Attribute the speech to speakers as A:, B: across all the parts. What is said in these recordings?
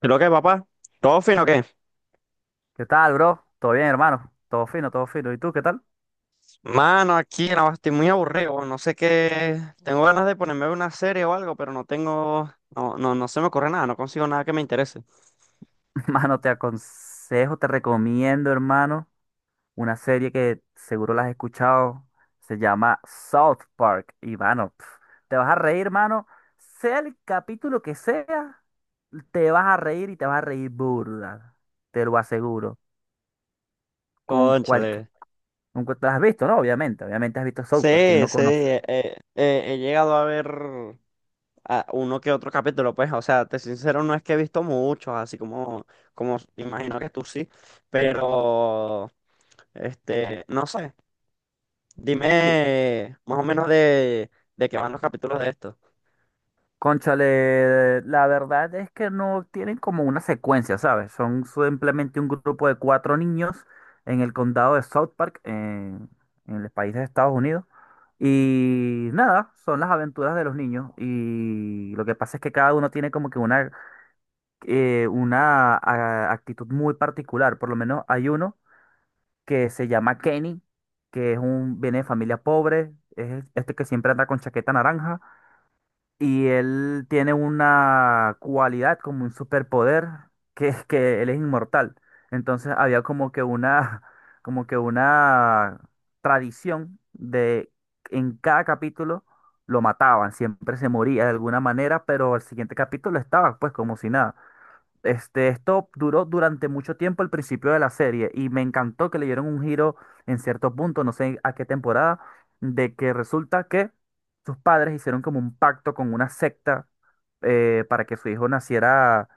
A: Creo que, papá, ¿todo fino o qué?
B: ¿Qué tal, bro? ¿Todo bien, hermano? Todo fino, todo fino. ¿Y tú qué tal?
A: Mano, aquí no, estoy muy aburrido, no sé qué. Tengo ganas de ponerme a ver una serie o algo, pero no tengo. No, no, no se me ocurre nada, no consigo nada que me interese.
B: Hermano, te aconsejo, te recomiendo, hermano, una serie que seguro la has escuchado. Se llama South Park. Y, mano, te vas a reír, hermano. Sea el capítulo que sea, te vas a reír y te vas a reír burda. Te lo aseguro. Con cualquier...
A: Cónchale.
B: Con cual- Te has visto, ¿no? Obviamente. Obviamente has visto South Park. ¿Quién
A: Sí,
B: no
A: sí,
B: conoce?
A: he llegado a ver a uno que otro capítulo, pues, o sea, te soy sincero, no es que he visto muchos, así como, como imagino que tú sí, pero. No sé.
B: Sí.
A: Dime más o menos de qué van los capítulos de esto.
B: Cónchale, la verdad es que no tienen como una secuencia, ¿sabes? Son simplemente un grupo de cuatro niños en el condado de South Park, en el país de Estados Unidos. Y nada, son las aventuras de los niños. Y lo que pasa es que cada uno tiene como que una actitud muy particular. Por lo menos hay uno que se llama Kenny, que es viene de familia pobre, es este que siempre anda con chaqueta naranja. Y él tiene una cualidad como un superpoder que es que él es inmortal. Entonces había como que una, como que una tradición de en cada capítulo lo mataban, siempre se moría de alguna manera, pero al siguiente capítulo estaba pues como si nada. Esto duró durante mucho tiempo el principio de la serie y me encantó que le dieron un giro en cierto punto, no sé a qué temporada, de que resulta que sus padres hicieron como un pacto con una secta, para que su hijo naciera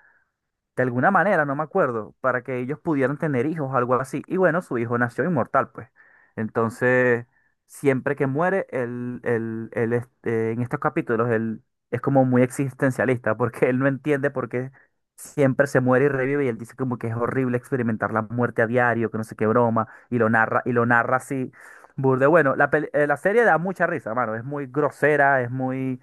B: de alguna manera, no me acuerdo, para que ellos pudieran tener hijos, algo así. Y bueno, su hijo nació inmortal, pues. Entonces, siempre que muere, en estos capítulos, él es como muy existencialista, porque él no entiende por qué siempre se muere y revive, y él dice como que es horrible experimentar la muerte a diario, que no sé qué broma, y lo narra así. Burde, bueno, la serie da mucha risa, mano, es muy grosera, es muy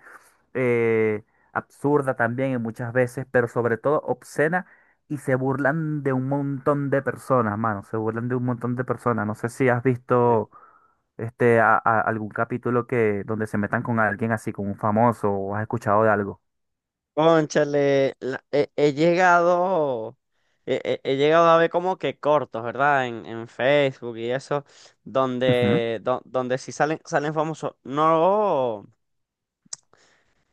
B: eh, absurda también en muchas veces, pero sobre todo obscena, y se burlan de un montón de personas, mano, se burlan de un montón de personas. No sé si has visto algún capítulo que donde se metan con alguien así, con un famoso, o has escuchado de algo.
A: Cónchale, he, he llegado a ver como que cortos, ¿verdad? En Facebook y eso,
B: Ujú.
A: donde sí salen, salen famosos. No,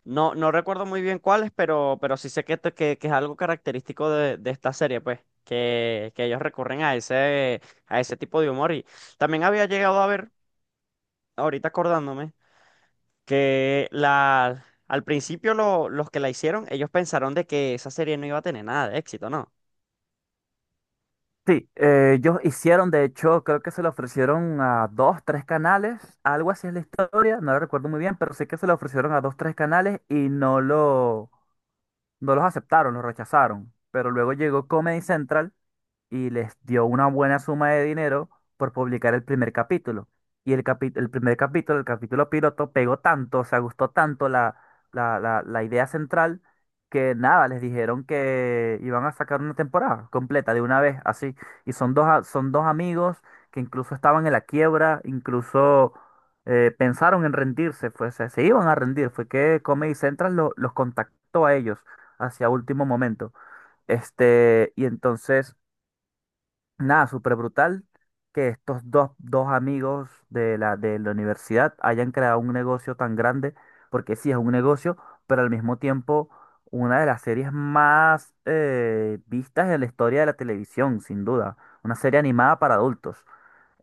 A: no, no recuerdo muy bien cuáles, pero sí sé que es algo característico de esta serie, pues, que ellos recurren a a ese tipo de humor. Y también había llegado a ver, ahorita acordándome. Que la, al principio los que la hicieron, ellos pensaron de que esa serie no iba a tener nada de éxito, ¿no?
B: Sí, ellos hicieron, de hecho, creo que se lo ofrecieron a dos, tres canales, algo así es la historia, no lo recuerdo muy bien, pero sé que se lo ofrecieron a dos, tres canales y no los aceptaron, los rechazaron. Pero luego llegó Comedy Central y les dio una buena suma de dinero por publicar el primer capítulo. Y el primer capítulo, el capítulo piloto, pegó tanto, o sea, gustó tanto la idea central, que nada, les dijeron que iban a sacar una temporada completa de una vez, así. Y son dos amigos que incluso estaban en la quiebra, incluso pensaron en rendirse, pues se iban a rendir. Fue que Comedy Central los contactó a ellos hacia último momento. Este, y entonces Nada, súper brutal que estos dos amigos de la universidad hayan creado un negocio tan grande, porque sí es un negocio, pero al mismo tiempo una de las series más vistas en la historia de la televisión, sin duda. Una serie animada para adultos.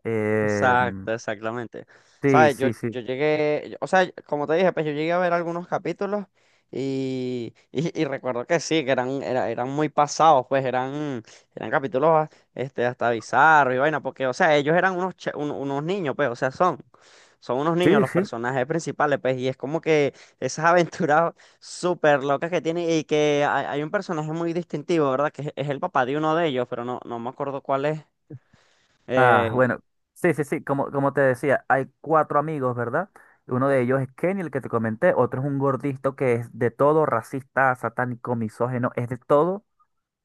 B: Eh,
A: Exacto, exactamente.
B: sí,
A: Sabes,
B: sí,
A: yo
B: sí.
A: llegué, o sea, como te dije, pues yo llegué a ver algunos capítulos y recuerdo que sí, eran muy pasados, pues eran, eran capítulos hasta bizarros y vaina, porque, o sea, ellos eran unos niños, pues, o sea, son, son unos niños
B: Sí,
A: los
B: sí.
A: personajes principales, pues, y es como que esas aventuras súper locas que tiene y que hay un personaje muy distintivo, ¿verdad? Es el papá de uno de ellos, pero no, no me acuerdo cuál es.
B: Ah,
A: Eh,
B: bueno, sí, sí, sí, como te decía, hay cuatro amigos, ¿verdad? Uno de ellos es Kenny, el que te comenté, otro es un gordito que es de todo racista, satánico, misógino, es de todo,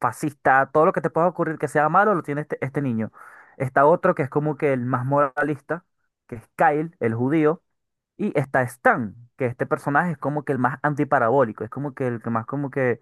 B: fascista, todo lo que te pueda ocurrir que sea malo lo tiene este niño. Está otro que es como que el más moralista, que es Kyle, el judío. Y está Stan, que este personaje es como que el más antiparabólico, es como que el que más como que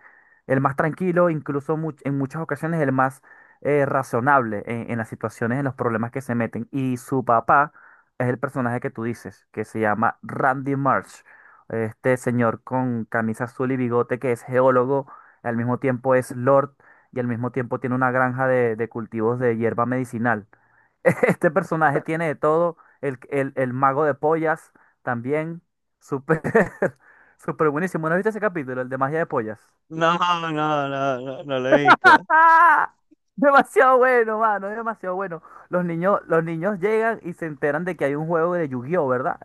B: el más tranquilo, incluso en muchas ocasiones el más razonable en las situaciones, en los problemas que se meten. Y su papá es el personaje que tú dices, que se llama Randy Marsh, este señor con camisa azul y bigote que es geólogo, al mismo tiempo es Lord y al mismo tiempo tiene una granja de cultivos de hierba medicinal. Este personaje tiene de todo. El mago de pollas también. Súper, súper buenísimo. ¿No has visto ese capítulo? El de magia de pollas.
A: No, no, no, no, no lo he visto.
B: ¡Ah! Demasiado bueno, mano, es demasiado bueno. Los niños llegan y se enteran de que hay un juego de Yu-Gi-Oh, ¿verdad?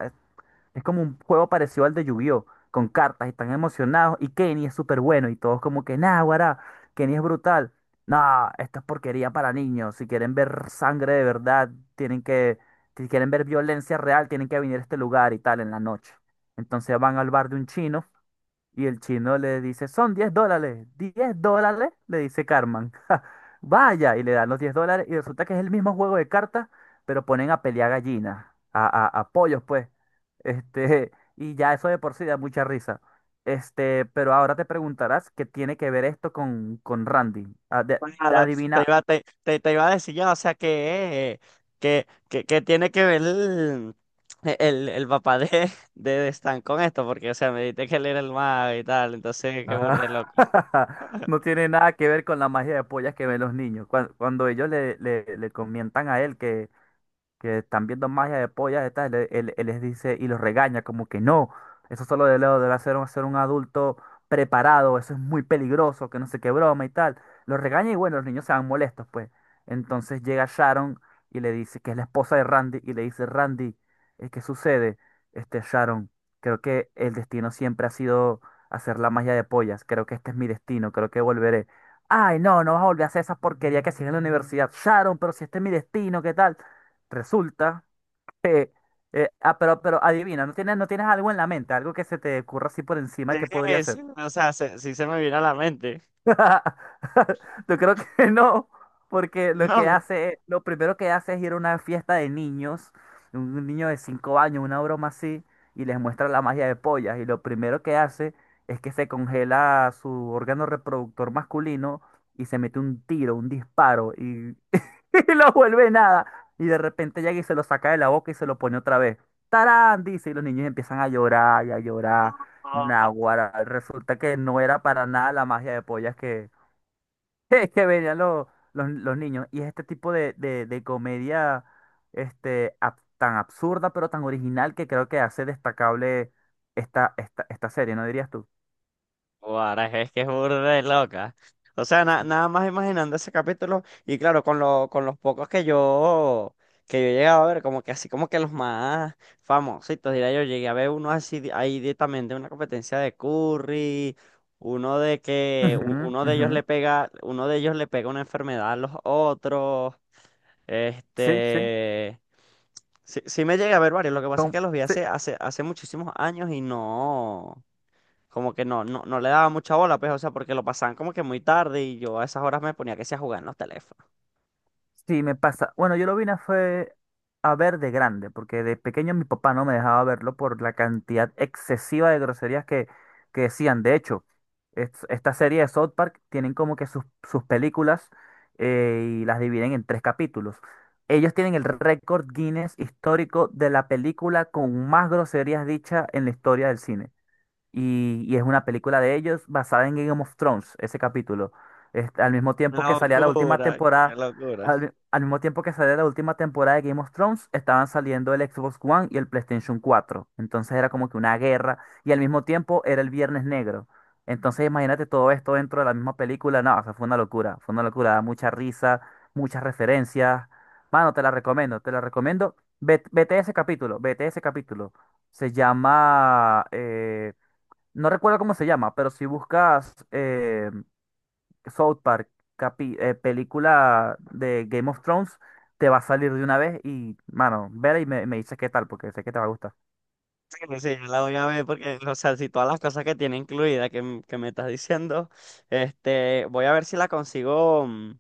B: Es como un juego parecido al de Yu-Gi-Oh! Con cartas y están emocionados y Kenny es súper bueno y todos como que, nah, guará, Kenny es brutal. Nah, esto es porquería para niños. Si quieren ver sangre de verdad, tienen que, si quieren ver violencia real, tienen que venir a este lugar y tal en la noche. Entonces van al bar de un chino y el chino le dice, son $10. $10, le dice Carmen. Vaya, y le dan los $10 y resulta que es el mismo juego de cartas, pero ponen a pelear gallinas, a pollos, pues. Este, y ya eso de por sí da mucha risa. Pero ahora te preguntarás qué tiene que ver esto con Randy. Ah,
A: Claro,
B: adivina.
A: te iba a decir yo, o sea, que tiene que ver el, el papá de Stan con esto, porque o sea, me dijiste que él era el mago y tal, entonces qué burde
B: Ah,
A: loco.
B: no tiene nada que ver con la magia de pollas que ven los niños. Cuando ellos le comentan a él que están viendo magia de pollas, estas, él les dice y los regaña como que no, eso solo de leo debe hacer un, ser un adulto preparado, eso es muy peligroso, que no sé qué broma y tal. Los regaña y bueno, los niños se van molestos, pues. Entonces llega Sharon y le dice que es la esposa de Randy y le dice, Randy, ¿qué sucede? Sharon, creo que el destino siempre ha sido hacer la magia de pollas, creo que este es mi destino, creo que volveré. Ay, no, no vas a volver a hacer esa porquería que hacías en la universidad. Sharon, pero si este es mi destino, ¿qué tal? Resulta que... pero adivina, ¿no tienes algo en la mente? Algo que se te ocurra así por encima que podría
A: Sí, sí,
B: ser.
A: o sea, sí se me vino a la mente.
B: Yo creo que no, porque lo
A: No.
B: que
A: No,
B: hace, lo primero que hace es ir a una fiesta de niños, un niño de 5 años, una broma así, y les muestra la magia de pollas. Y lo primero que hace es que se congela su órgano reproductor masculino y se mete un tiro, un disparo, y y lo vuelve nada. Y de repente llega y se lo saca de la boca y se lo pone otra vez. ¡Tarán! Dice, y los niños empiezan a llorar y a llorar.
A: no.
B: Naguará, resulta que no era para nada la magia de pollas que, que venían los niños. Y es este tipo de comedia, tan absurda, pero tan original que creo que hace destacable esta serie, ¿no dirías tú?
A: Guara, es que es burda de loca. O sea, nada más imaginando ese capítulo, y claro, con lo, con los pocos que yo he llegado a ver, como que así como que los más famositos, diría yo, llegué a ver uno así ahí directamente, una competencia de Curry,
B: Ujú,
A: uno de
B: ujú.
A: ellos le pega, uno de ellos le pega una enfermedad a los otros.
B: Sí, sí.
A: Este sí, sí me llegué a ver varios, lo que pasa es
B: Son-
A: que los vi
B: sí,
A: hace, hace, hace muchísimos años y no como que no, no, no le daba mucha bola, pues, o sea, porque lo pasaban como que muy tarde y yo a esas horas me ponía que sea a jugar en los teléfonos.
B: Sí, me pasa. Bueno, yo lo vine a fue a ver de grande, porque de pequeño mi papá no me dejaba verlo por la cantidad excesiva de groserías que decían. De hecho, esta serie de South Park tienen como que sus películas, y las dividen en tres capítulos. Ellos tienen el récord Guinness histórico de la película con más groserías dichas en la historia del cine, y es una película de ellos basada en Game of Thrones, ese capítulo. Al mismo tiempo que salía la última
A: Locura, qué
B: temporada,
A: locura.
B: al mismo tiempo que salía la última temporada de Game of Thrones, estaban saliendo el Xbox One y el PlayStation 4. Entonces era como que una guerra, y al mismo tiempo era el Viernes Negro. Entonces imagínate todo esto dentro de la misma película. No, o sea, fue una locura, da mucha risa, muchas referencias. Mano, te la recomiendo, te la recomiendo. Vete ese capítulo, vete ese capítulo. Se llama no recuerdo cómo se llama, pero si buscas South Park, película de Game of Thrones, te va a salir de una vez y, mano, vela y me dices qué tal, porque sé que te va a gustar.
A: Sí, sí, yo la voy a ver porque, o sea, si todas las cosas que tiene incluida que me estás diciendo, voy a ver si la consigo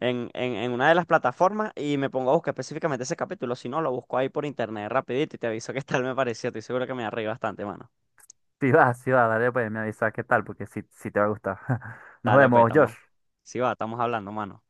A: en una de las plataformas y me pongo a buscar específicamente ese capítulo. Si no, lo busco ahí por internet rapidito y te aviso qué tal me pareció. Estoy seguro que me va a reír bastante, mano.
B: Si va, si va, dale pues, me avisas qué tal, porque sí, sí te va a gustar. Nos
A: Dale, pues,
B: vemos, Josh.
A: estamos, sí va, estamos hablando, mano.